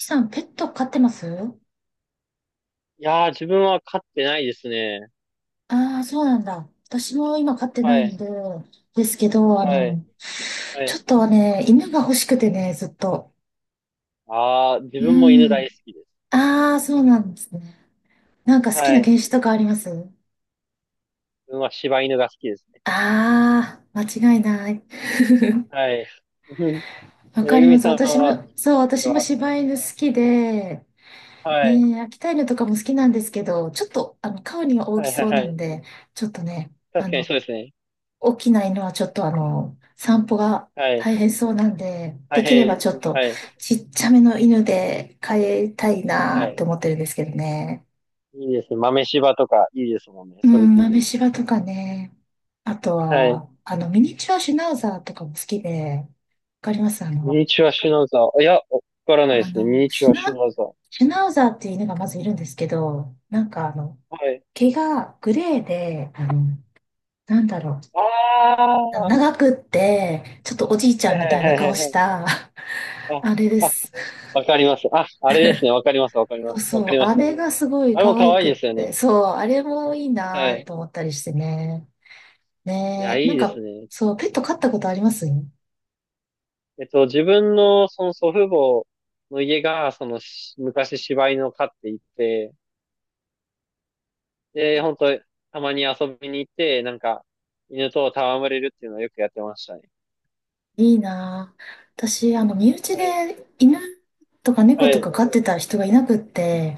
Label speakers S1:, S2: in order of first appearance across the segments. S1: さん、ペット飼ってます？
S2: いやー、自分は飼ってないですね。
S1: ああー、そうなんだ。私も今飼ってな
S2: は
S1: いん
S2: い、
S1: で、ですけど、
S2: はい、は
S1: ちょ
S2: い。
S1: っとはね、犬が欲しくてね、ずっと。
S2: あー、自分も
S1: う
S2: 犬大
S1: ん。
S2: 好きです。
S1: ああ、そうなんですね。なんか好き
S2: は
S1: な
S2: い。
S1: 犬種とかあります？
S2: 自分は柴犬が好きですね。
S1: ああー、間違いない。
S2: はい。うん。
S1: わか
S2: め
S1: り
S2: ぐ
S1: ま
S2: み
S1: す。
S2: さん
S1: 私
S2: は、
S1: も、そう、私も
S2: は、
S1: 柴犬好きで、
S2: はい、
S1: ねえ、秋田犬とかも好きなんですけど、ちょっと、顔には大
S2: は
S1: き
S2: い、は
S1: そ
S2: い、
S1: う
S2: は
S1: なん
S2: い。
S1: で、ちょっとね、
S2: 確かにそうですね。
S1: 起きないのはちょっと散歩が
S2: はい。
S1: 大変そうなんで、
S2: 大
S1: できればち
S2: 変、
S1: ょっと
S2: はい、
S1: ちっちゃめの犬で飼いたい
S2: は
S1: なーって
S2: い。
S1: 思ってるんですけどね。
S2: いいですね。豆柴とかいいですもんね。
S1: う
S2: それ
S1: ん、
S2: で
S1: 豆
S2: 言うと。
S1: 柴とかね。あと
S2: はい。
S1: は、ミニチュアシュナウザーとかも好きで、わかります
S2: ミニチュアシュナウザー。いや、わからないで
S1: あ
S2: すね。ミ
S1: の、
S2: ニチ
S1: シ
S2: ュ
S1: ュ
S2: アシュ
S1: ナ、
S2: ナウザー。
S1: シュナウザーっていう犬がまずいるんですけど、なんか
S2: はい。
S1: 毛がグレーで、なんだろう、
S2: あー、
S1: 長くって、ちょっとおじいち
S2: は
S1: ゃ
S2: い、
S1: んみたい
S2: は
S1: な
S2: い、はい、は
S1: 顔
S2: い。
S1: し
S2: はい。
S1: た、あれで
S2: あ、
S1: す。
S2: わかります。あ、あれですね。わかります。わかり
S1: そ
S2: ま
S1: う
S2: す。
S1: そ
S2: わか
S1: う、
S2: りま
S1: あ
S2: した。
S1: れがすごい
S2: あれも
S1: 可
S2: 可
S1: 愛
S2: 愛い
S1: くっ
S2: ですよね。
S1: て、そう、あれもいい
S2: は
S1: な
S2: い。
S1: と思ったりしてね。
S2: いや、
S1: ねえ、
S2: い
S1: な
S2: い
S1: ん
S2: で
S1: か、
S2: すね。
S1: そう、ペット飼ったことあります？い
S2: 自分のその祖父母の家が、そのし昔柴犬を飼っていて、で、本当たまに遊びに行って、犬と戯れるっていうのをよくやってましたね。
S1: いなぁ。私、身内
S2: はい。
S1: で犬とか猫
S2: は
S1: とか
S2: い。
S1: 飼ってた人がいなくって、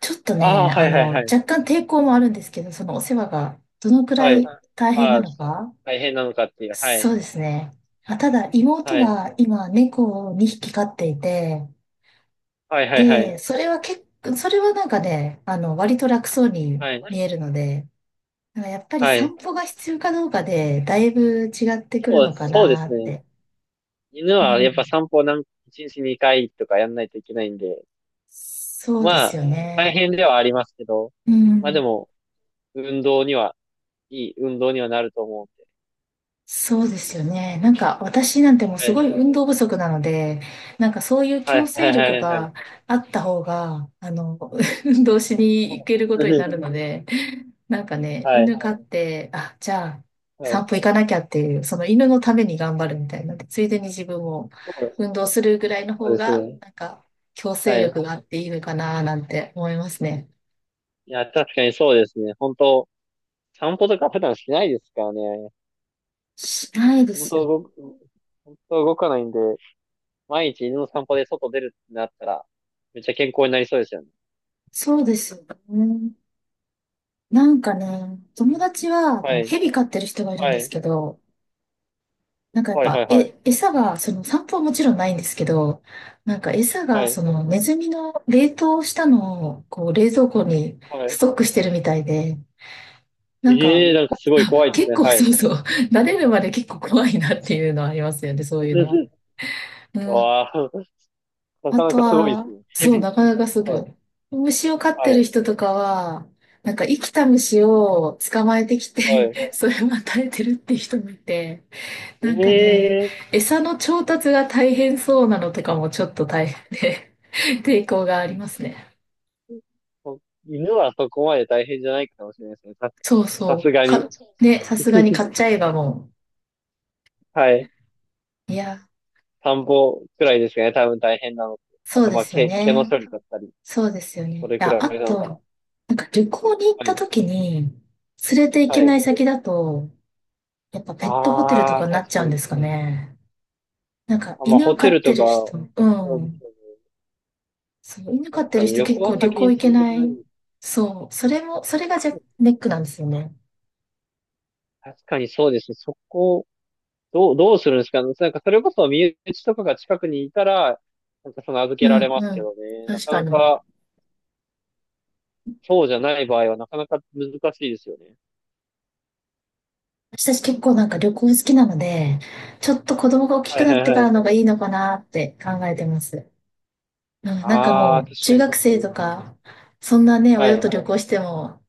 S1: ちょっと
S2: ああ、
S1: ね、
S2: はいはいはい。
S1: 若干抵抗もあるんですけど、そのお世話がどのく
S2: は
S1: ら
S2: い。
S1: い大変
S2: あ
S1: な
S2: あ、
S1: のか。
S2: 大変なのかっていう。は
S1: そう
S2: い。
S1: ですね。あ、ただ、妹
S2: はい。
S1: が今、猫を2匹飼っていて、
S2: はいはいはい。
S1: で、それはなんかね、割と楽そうに
S2: は
S1: 見
S2: い。
S1: えるので、だからやっぱり
S2: はい。
S1: 散歩が必要かどうかで、だいぶ違ってくる
S2: そう、
S1: のか
S2: そうで
S1: な
S2: す
S1: っ
S2: ね。
S1: て。
S2: 犬
S1: う
S2: はやっぱ
S1: ん。
S2: 散歩なん、一日2回とかやんないといけないんで、
S1: そうで
S2: ま
S1: す
S2: あ、
S1: よ
S2: 大
S1: ね。
S2: 変ではありますけど、
S1: う
S2: まあで
S1: ん。
S2: も、運動には、いい運動にはなると思うん
S1: そうですよね。なんか、私なんてもう
S2: で。
S1: す
S2: は
S1: ごい
S2: い。
S1: 運動不足なので、なんかそういう
S2: は
S1: 強
S2: い、は
S1: 制
S2: い、は
S1: 力
S2: い、はい。
S1: があった方が、運動しに行けるこ
S2: う
S1: とにな
S2: ん。
S1: るので、なんかね、
S2: はい、
S1: 犬飼って、あ、じゃあ、
S2: はい。
S1: 散歩行かなきゃっていう、その犬のために頑張るみたいな。でついでに自分も
S2: そう、
S1: 運動するぐらいの
S2: そう
S1: 方
S2: です
S1: が、
S2: ね。
S1: なんか、強制
S2: はい。
S1: 力があっていいのかななんて思いますね。
S2: いや、確かにそうですね。本当散歩とか普段しないですからね。
S1: しないで
S2: 本
S1: すよ。
S2: 当動く、本当動かないんで、毎日犬の散歩で外出るってなったら、めっちゃ健康になりそうですよね。
S1: そうですよね。なんかね、友達は、
S2: はい、
S1: 蛇飼ってる人がいるん
S2: は
S1: です
S2: い、
S1: けど、なんかやっ
S2: はい、は
S1: ぱ、
S2: い、はい、はい。
S1: 餌が、その散歩はもちろんないんですけど、なんか餌
S2: は
S1: が、そ
S2: い。
S1: のネズミの冷凍したのを、こう冷蔵庫に
S2: は
S1: ス
S2: い。
S1: トックしてるみたいで、なんか、
S2: ええー、なんかすごい怖いです
S1: 結
S2: ね。
S1: 構
S2: はい。
S1: そうそう、慣れるまで結構怖いなっていうのはありますよね、そういうのは。うん。
S2: わあ、な
S1: あ
S2: かな
S1: と
S2: かすごいです
S1: は、
S2: ね。ヘ
S1: そう、
S2: ビ。
S1: なかなかす
S2: は
S1: ご
S2: い。
S1: い。虫を飼っ
S2: は
S1: てる
S2: い。
S1: 人とかは、なんか生きた虫を捕まえてきて
S2: は
S1: それを与えてるっていう人もいて、
S2: い。
S1: なんか
S2: え
S1: ね、
S2: えー。
S1: 餌の調達が大変そうなのとかもちょっと大変で 抵抗がありますね。
S2: 犬はそこまで大変じゃないかもしれないですね。さ、
S1: そう
S2: さ
S1: そ
S2: す
S1: う。
S2: がに。
S1: か、ね、さすがに買っちゃえばも
S2: はい。
S1: う。いや、
S2: 田んぼくらいですかね。多分大変なのって。あ
S1: そう
S2: と、
S1: で
S2: まあ、
S1: すよ
S2: 毛、毛の
S1: ね。
S2: 処理だったり、
S1: そうですよ
S2: そ
S1: ね。
S2: れ
S1: い
S2: く
S1: や、
S2: らい
S1: あ
S2: なの
S1: と、
S2: かな。
S1: なんか旅行に行っ
S2: は
S1: た
S2: い。
S1: 時に、連れて行
S2: は
S1: けな
S2: い。
S1: い先だと、やっぱペットホテルと
S2: ああ、
S1: かになっ
S2: 確
S1: ち
S2: か
S1: ゃうんで
S2: に。
S1: すかね。なんか
S2: あ、まあ、
S1: 犬を
S2: ホ
S1: 飼
S2: テ
S1: っ
S2: ル
S1: て
S2: とか、
S1: る人、う
S2: そうです
S1: ん。
S2: よね。
S1: そう、犬飼
S2: 確
S1: って
S2: か
S1: る
S2: に、
S1: 人
S2: 旅
S1: 結構
S2: 行
S1: 旅
S2: 先に
S1: 行
S2: 連
S1: 行け
S2: れて
S1: な
S2: けない。
S1: い。そう、それがじゃ、ネックなんですよね。
S2: 確かにそうですね。そこどう、どうするんですかね。なんかそれこそ身内とかが近くにいたら、なんかその預け
S1: う
S2: られ
S1: ん
S2: ま
S1: う
S2: すけ
S1: ん。
S2: どね。な
S1: 確
S2: か
S1: か
S2: な
S1: に。
S2: か、そうじゃない場合はなかなか難しいですよね。
S1: 私たち結構なんか旅行好きなので、ちょっと子供が大き
S2: は
S1: く
S2: い
S1: な
S2: は
S1: っ
S2: い
S1: てか
S2: は
S1: ら
S2: い。
S1: のがいいのかなって考えてます。うん、なんか
S2: ああ、
S1: もう
S2: 確か
S1: 中
S2: に
S1: 学
S2: 確か
S1: 生と
S2: に。
S1: か、そんなね、
S2: は
S1: 親と
S2: い。
S1: 旅行しても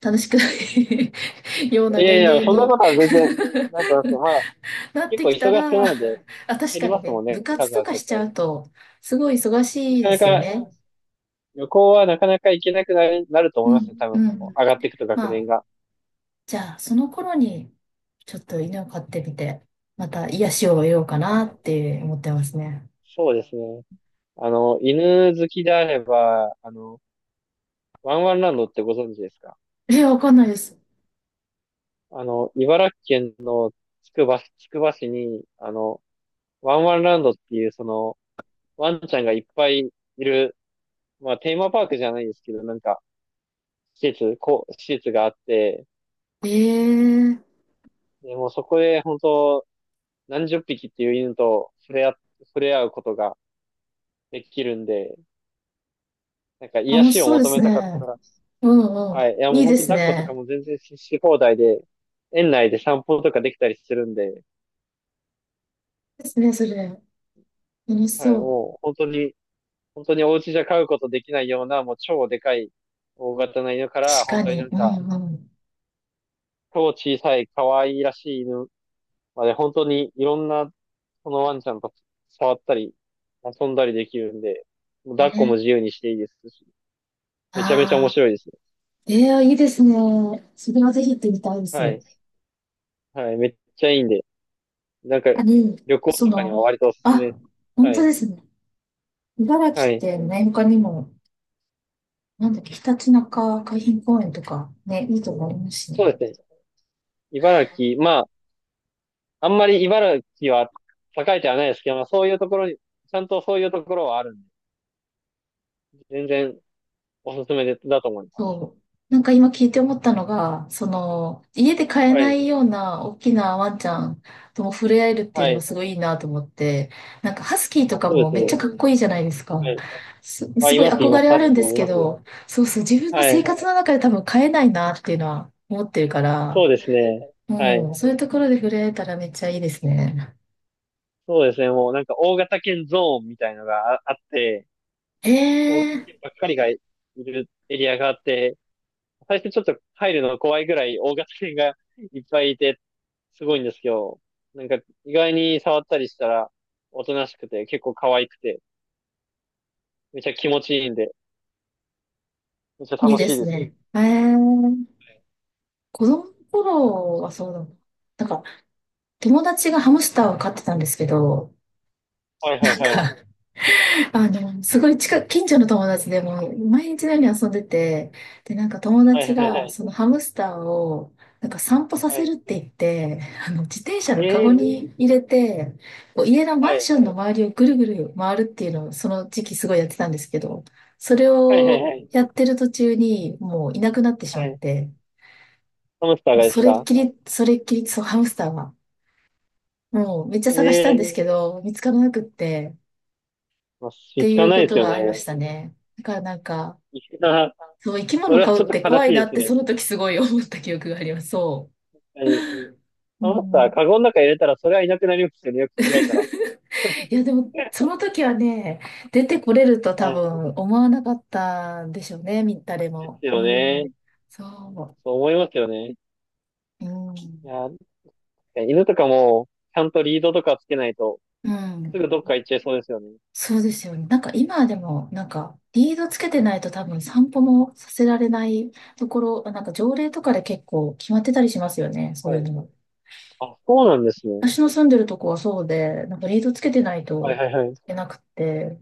S1: 楽しくない ような
S2: いやい
S1: 年
S2: や、
S1: 齢
S2: そんな
S1: に
S2: ことは全然、なんてますよ。まあ、
S1: なっ
S2: 結
S1: て
S2: 構忙
S1: き
S2: し
S1: た
S2: くな
S1: ら、あ、
S2: るので、
S1: 確
S2: 減
S1: か
S2: り
S1: に
S2: ますも
S1: ね、
S2: ん
S1: 部
S2: ね、
S1: 活
S2: 数
S1: と
S2: は
S1: かし
S2: 絶
S1: ちゃ
S2: 対。
S1: うと、すごい忙し
S2: な
S1: い
S2: か
S1: で
S2: な
S1: すよ
S2: か、
S1: ね。
S2: 旅行はなかなか行けなくなる、なると
S1: う
S2: 思いますね、
S1: ん、
S2: 多
S1: う
S2: 分。
S1: ん。
S2: 上がっていくと学
S1: ま
S2: 年
S1: あ、
S2: が。
S1: じゃあ、その頃に、ちょっと犬を飼ってみて、また癒しを得ようかなっ
S2: あ、
S1: て思ってますね。
S2: そうですね。犬好きであれば、ワンワンランドってご存知ですか？
S1: え、わかんないです。
S2: あの、茨城県のつくば市に、あの、ワンワンランドっていう、その、ワンちゃんがいっぱいいる、まあ、テーマパークじゃないですけど、なんか、こう、施設があって、
S1: ええ、
S2: でもうそこで、本当何十匹っていう犬と触れ合、触れ合うことができるんで、なんか、癒
S1: 楽し
S2: しを
S1: そうで
S2: 求
S1: す
S2: めたかった
S1: ね。
S2: ら、
S1: うんう
S2: はい。いや、
S1: ん。
S2: も
S1: い
S2: う
S1: い
S2: 本
S1: で
S2: 当
S1: す
S2: 抱っことか
S1: ね。
S2: も全然し放題で、園内で散歩とかできたりするんで、
S1: ですね、それ。楽し
S2: はい、
S1: そう。
S2: もう本当にお家じゃ飼うことできないような、もう超でかい大型な犬から、
S1: 確
S2: 本
S1: か
S2: 当にな
S1: に。
S2: ん
S1: う
S2: か、
S1: んうん。
S2: 超小さい可愛いらしい犬まで、本当にいろんな、このワンちゃんと触ったり、遊んだりできるんで、もう抱っこも
S1: ね、
S2: 自由にしていいですし、めちゃめちゃ面
S1: ああ
S2: 白いですね。
S1: ー、ええ、いいですね。それはぜひ行ってみたいで
S2: は
S1: す。
S2: い。はい。めっちゃいいんで、なんか、
S1: あ、で、
S2: 旅行と
S1: そ
S2: かには
S1: の、
S2: 割とおすすめで
S1: あ、
S2: すね。
S1: 本
S2: は
S1: 当
S2: い。
S1: ですね。茨
S2: は
S1: 城っ
S2: い。
S1: て何他にもなんだっけ、ひたちなか海浜公園とかね、いいとこありますし
S2: そ
S1: ね。
S2: うですね。まあ、あんまり茨城は栄えてはないですけど、まあ、そういうところに、ちゃんとそういうところはあるんで、全然おすすめだと思います。
S1: そう。なんか今聞いて思ったのが、その、家で飼え
S2: は
S1: な
S2: い。
S1: いような大きなワンちゃんとも触れ合えるっていう
S2: は
S1: のが
S2: い。
S1: すごいいいなと思って、なんかハスキーと
S2: あ、
S1: か
S2: そうで
S1: も
S2: す
S1: めっ
S2: ね。
S1: ちゃかっこいいじゃないですか。
S2: はい。あ、
S1: すごい憧
S2: います。
S1: れあ
S2: タス
S1: るん
S2: キ
S1: で
S2: ーも
S1: す
S2: い
S1: け
S2: ますよ。
S1: ど、そうそう、自分の
S2: は
S1: 生
S2: い。
S1: 活の中で多分飼えないなっていうのは思ってるか
S2: そ
S1: ら、
S2: うですね。は
S1: う
S2: い。
S1: ん、そういうところで触れ合えたらめっちゃいいですね。
S2: そうですね。もうなんか大型犬ゾーンみたいのがあって、大型
S1: え
S2: 犬
S1: え、
S2: ばっかりがいるエリアがあって、最初ちょっと入るの怖いぐらい大型犬がいっぱいいて、すごいんですけど、なんか意外に触ったりしたら、おとなしくて、結構可愛くて、めっちゃ気持ちいいんで、めっちゃ
S1: いい
S2: 楽
S1: で
S2: しい
S1: す
S2: ですよ。
S1: ね。ええ、子供の頃はそうだもん。なんか、友達がハムスターを飼ってたんですけど、
S2: はいはい
S1: なん
S2: はい。
S1: か、すごい近所の友達でもう毎日のように遊んでて、で、なんか友
S2: はい
S1: 達
S2: はいは
S1: が
S2: い。
S1: そのハムスターを、なんか散歩さ
S2: は
S1: せ
S2: い。
S1: るって言って、自転車
S2: え
S1: のカゴ
S2: え。
S1: に入れて、こう家の
S2: は
S1: マン
S2: い。
S1: ションの周りをぐるぐる回るっていうのを、その時期すごいやってたんですけど、それ
S2: はいはい
S1: を
S2: はい。
S1: やってる途中にもういなくなってしま
S2: は
S1: っ
S2: い。
S1: て、
S2: ハムスター
S1: もう
S2: がで
S1: そ
S2: す
S1: れっ
S2: か？
S1: きり、それっきり、そう、ハムスターはもうめっちゃ探したん
S2: え
S1: です
S2: え。
S1: けど、見つからなくって、
S2: まあ、
S1: っ
S2: 見
S1: て
S2: つ
S1: い
S2: かん
S1: う
S2: な
S1: こ
S2: いで
S1: と
S2: すよ
S1: が
S2: ね。
S1: ありましたね。だからなんか、
S2: いや、
S1: そう、生き
S2: そ
S1: 物
S2: れは
S1: 飼
S2: ちょ
S1: う
S2: っ
S1: っ
S2: と
S1: て
S2: 悲し
S1: 怖
S2: い
S1: いな
S2: で
S1: っ
S2: す
S1: て
S2: ね。
S1: その時すごい思った記憶があります。そ
S2: はい。
S1: う。う
S2: ハムスター、
S1: ん。
S2: カゴの中に入れたらそれはいなくなりますよね。よく考えたら。
S1: いや、でも、その時はね、出てこれると多
S2: はい。
S1: 分思わなかったんでしょうね、誰
S2: で
S1: も。
S2: す
S1: う
S2: よ
S1: ん。
S2: ね。
S1: そ
S2: そう思いますよね。
S1: う。う
S2: い
S1: ん。
S2: や、犬とかも、ちゃんとリードとかつけないと、
S1: う
S2: す
S1: ん。
S2: ぐどっか行っちゃいそうですよね。
S1: そうですよね。なんか今でも、なんか、リードつけてないと多分散歩もさせられないところ、なんか条例とかで結構決まってたりしますよね、そう
S2: は
S1: いうの
S2: い。
S1: も。
S2: あ、そうなんですね。
S1: 私の住んでるとこはそうで、なんかリードつけてない
S2: はい
S1: と
S2: はいは
S1: い
S2: い。
S1: けなくて、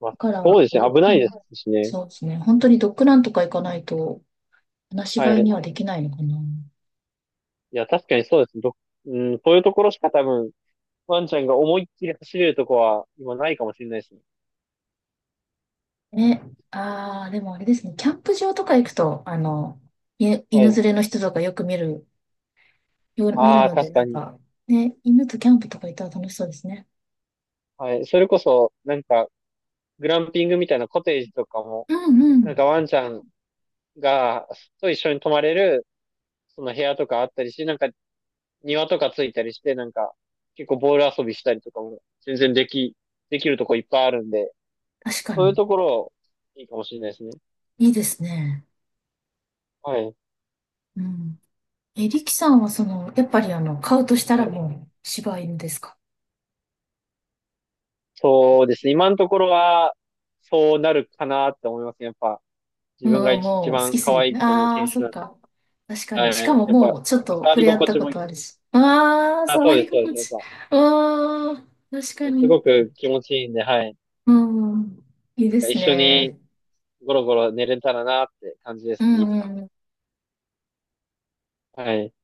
S2: ま
S1: だ
S2: あ、
S1: か
S2: そう
S1: ら、
S2: ですね。危
S1: う
S2: ないで
S1: ん、
S2: すしね。
S1: そうですね、本当にドッグランとか行かないと、話し
S2: は
S1: 飼
S2: い。
S1: いに
S2: い
S1: はできないのかな。
S2: や、確かにそうです。ど、うん、そういうところしか多分、ワンちゃんが思いっきり走れるとこは今ないかもしれないですね。
S1: ね、ああ、でもあれですね、キャンプ場とか行くと、い
S2: は
S1: 犬連
S2: い。
S1: れの人とかよく見る
S2: ああ、
S1: ので、
S2: 確
S1: な
S2: か
S1: ん
S2: に。
S1: か、ね、犬とキャンプとか行ったら楽しそうですね。
S2: はい。それこそ、なんか、グランピングみたいなコテージとかも、
S1: うんう
S2: なん
S1: ん。
S2: かワンちゃんが、と一緒に泊まれる、その部屋とかあったりし、なんか庭とかついたりして、なんか、結構ボール遊びしたりとかも、全然でき、できるとこいっぱいあるんで、
S1: 確か
S2: そういう
S1: に。
S2: ところ、いいかもしれないですね。
S1: いいですね。
S2: はい。
S1: うん。え、リキさんはその、やっぱり買うとした
S2: は
S1: ら
S2: い。
S1: もう、柴犬ですか？
S2: そうですね。今のところは、そうなるかなって思いますね。やっぱ、
S1: う
S2: 自
S1: ん、
S2: 分が一
S1: もう好き
S2: 番
S1: す
S2: 可
S1: ぎ
S2: 愛い
S1: て。
S2: と思う
S1: あ
S2: 犬
S1: あ、そ
S2: 種
S1: っか。確か
S2: は
S1: に。しか
S2: い。
S1: も
S2: やっぱ、
S1: もう、ちょっと
S2: 触
S1: 触
S2: り
S1: れ合っ
S2: 心
S1: た
S2: 地
S1: こ
S2: もいい
S1: と
S2: で
S1: あ
S2: す。
S1: るし。
S2: はい。
S1: ああ、
S2: あ、
S1: 触り
S2: そうで
S1: 心
S2: す。やっ
S1: 地。
S2: ぱ、
S1: ああ、確か
S2: もうす
S1: に。
S2: ごく気持ちいいんで、はい。
S1: うん。いい
S2: なん
S1: で
S2: か
S1: す
S2: 一緒に
S1: ね。
S2: ゴロゴロ寝れたらなって感じで
S1: う
S2: すね、いつ
S1: ん
S2: か。
S1: うん
S2: はい。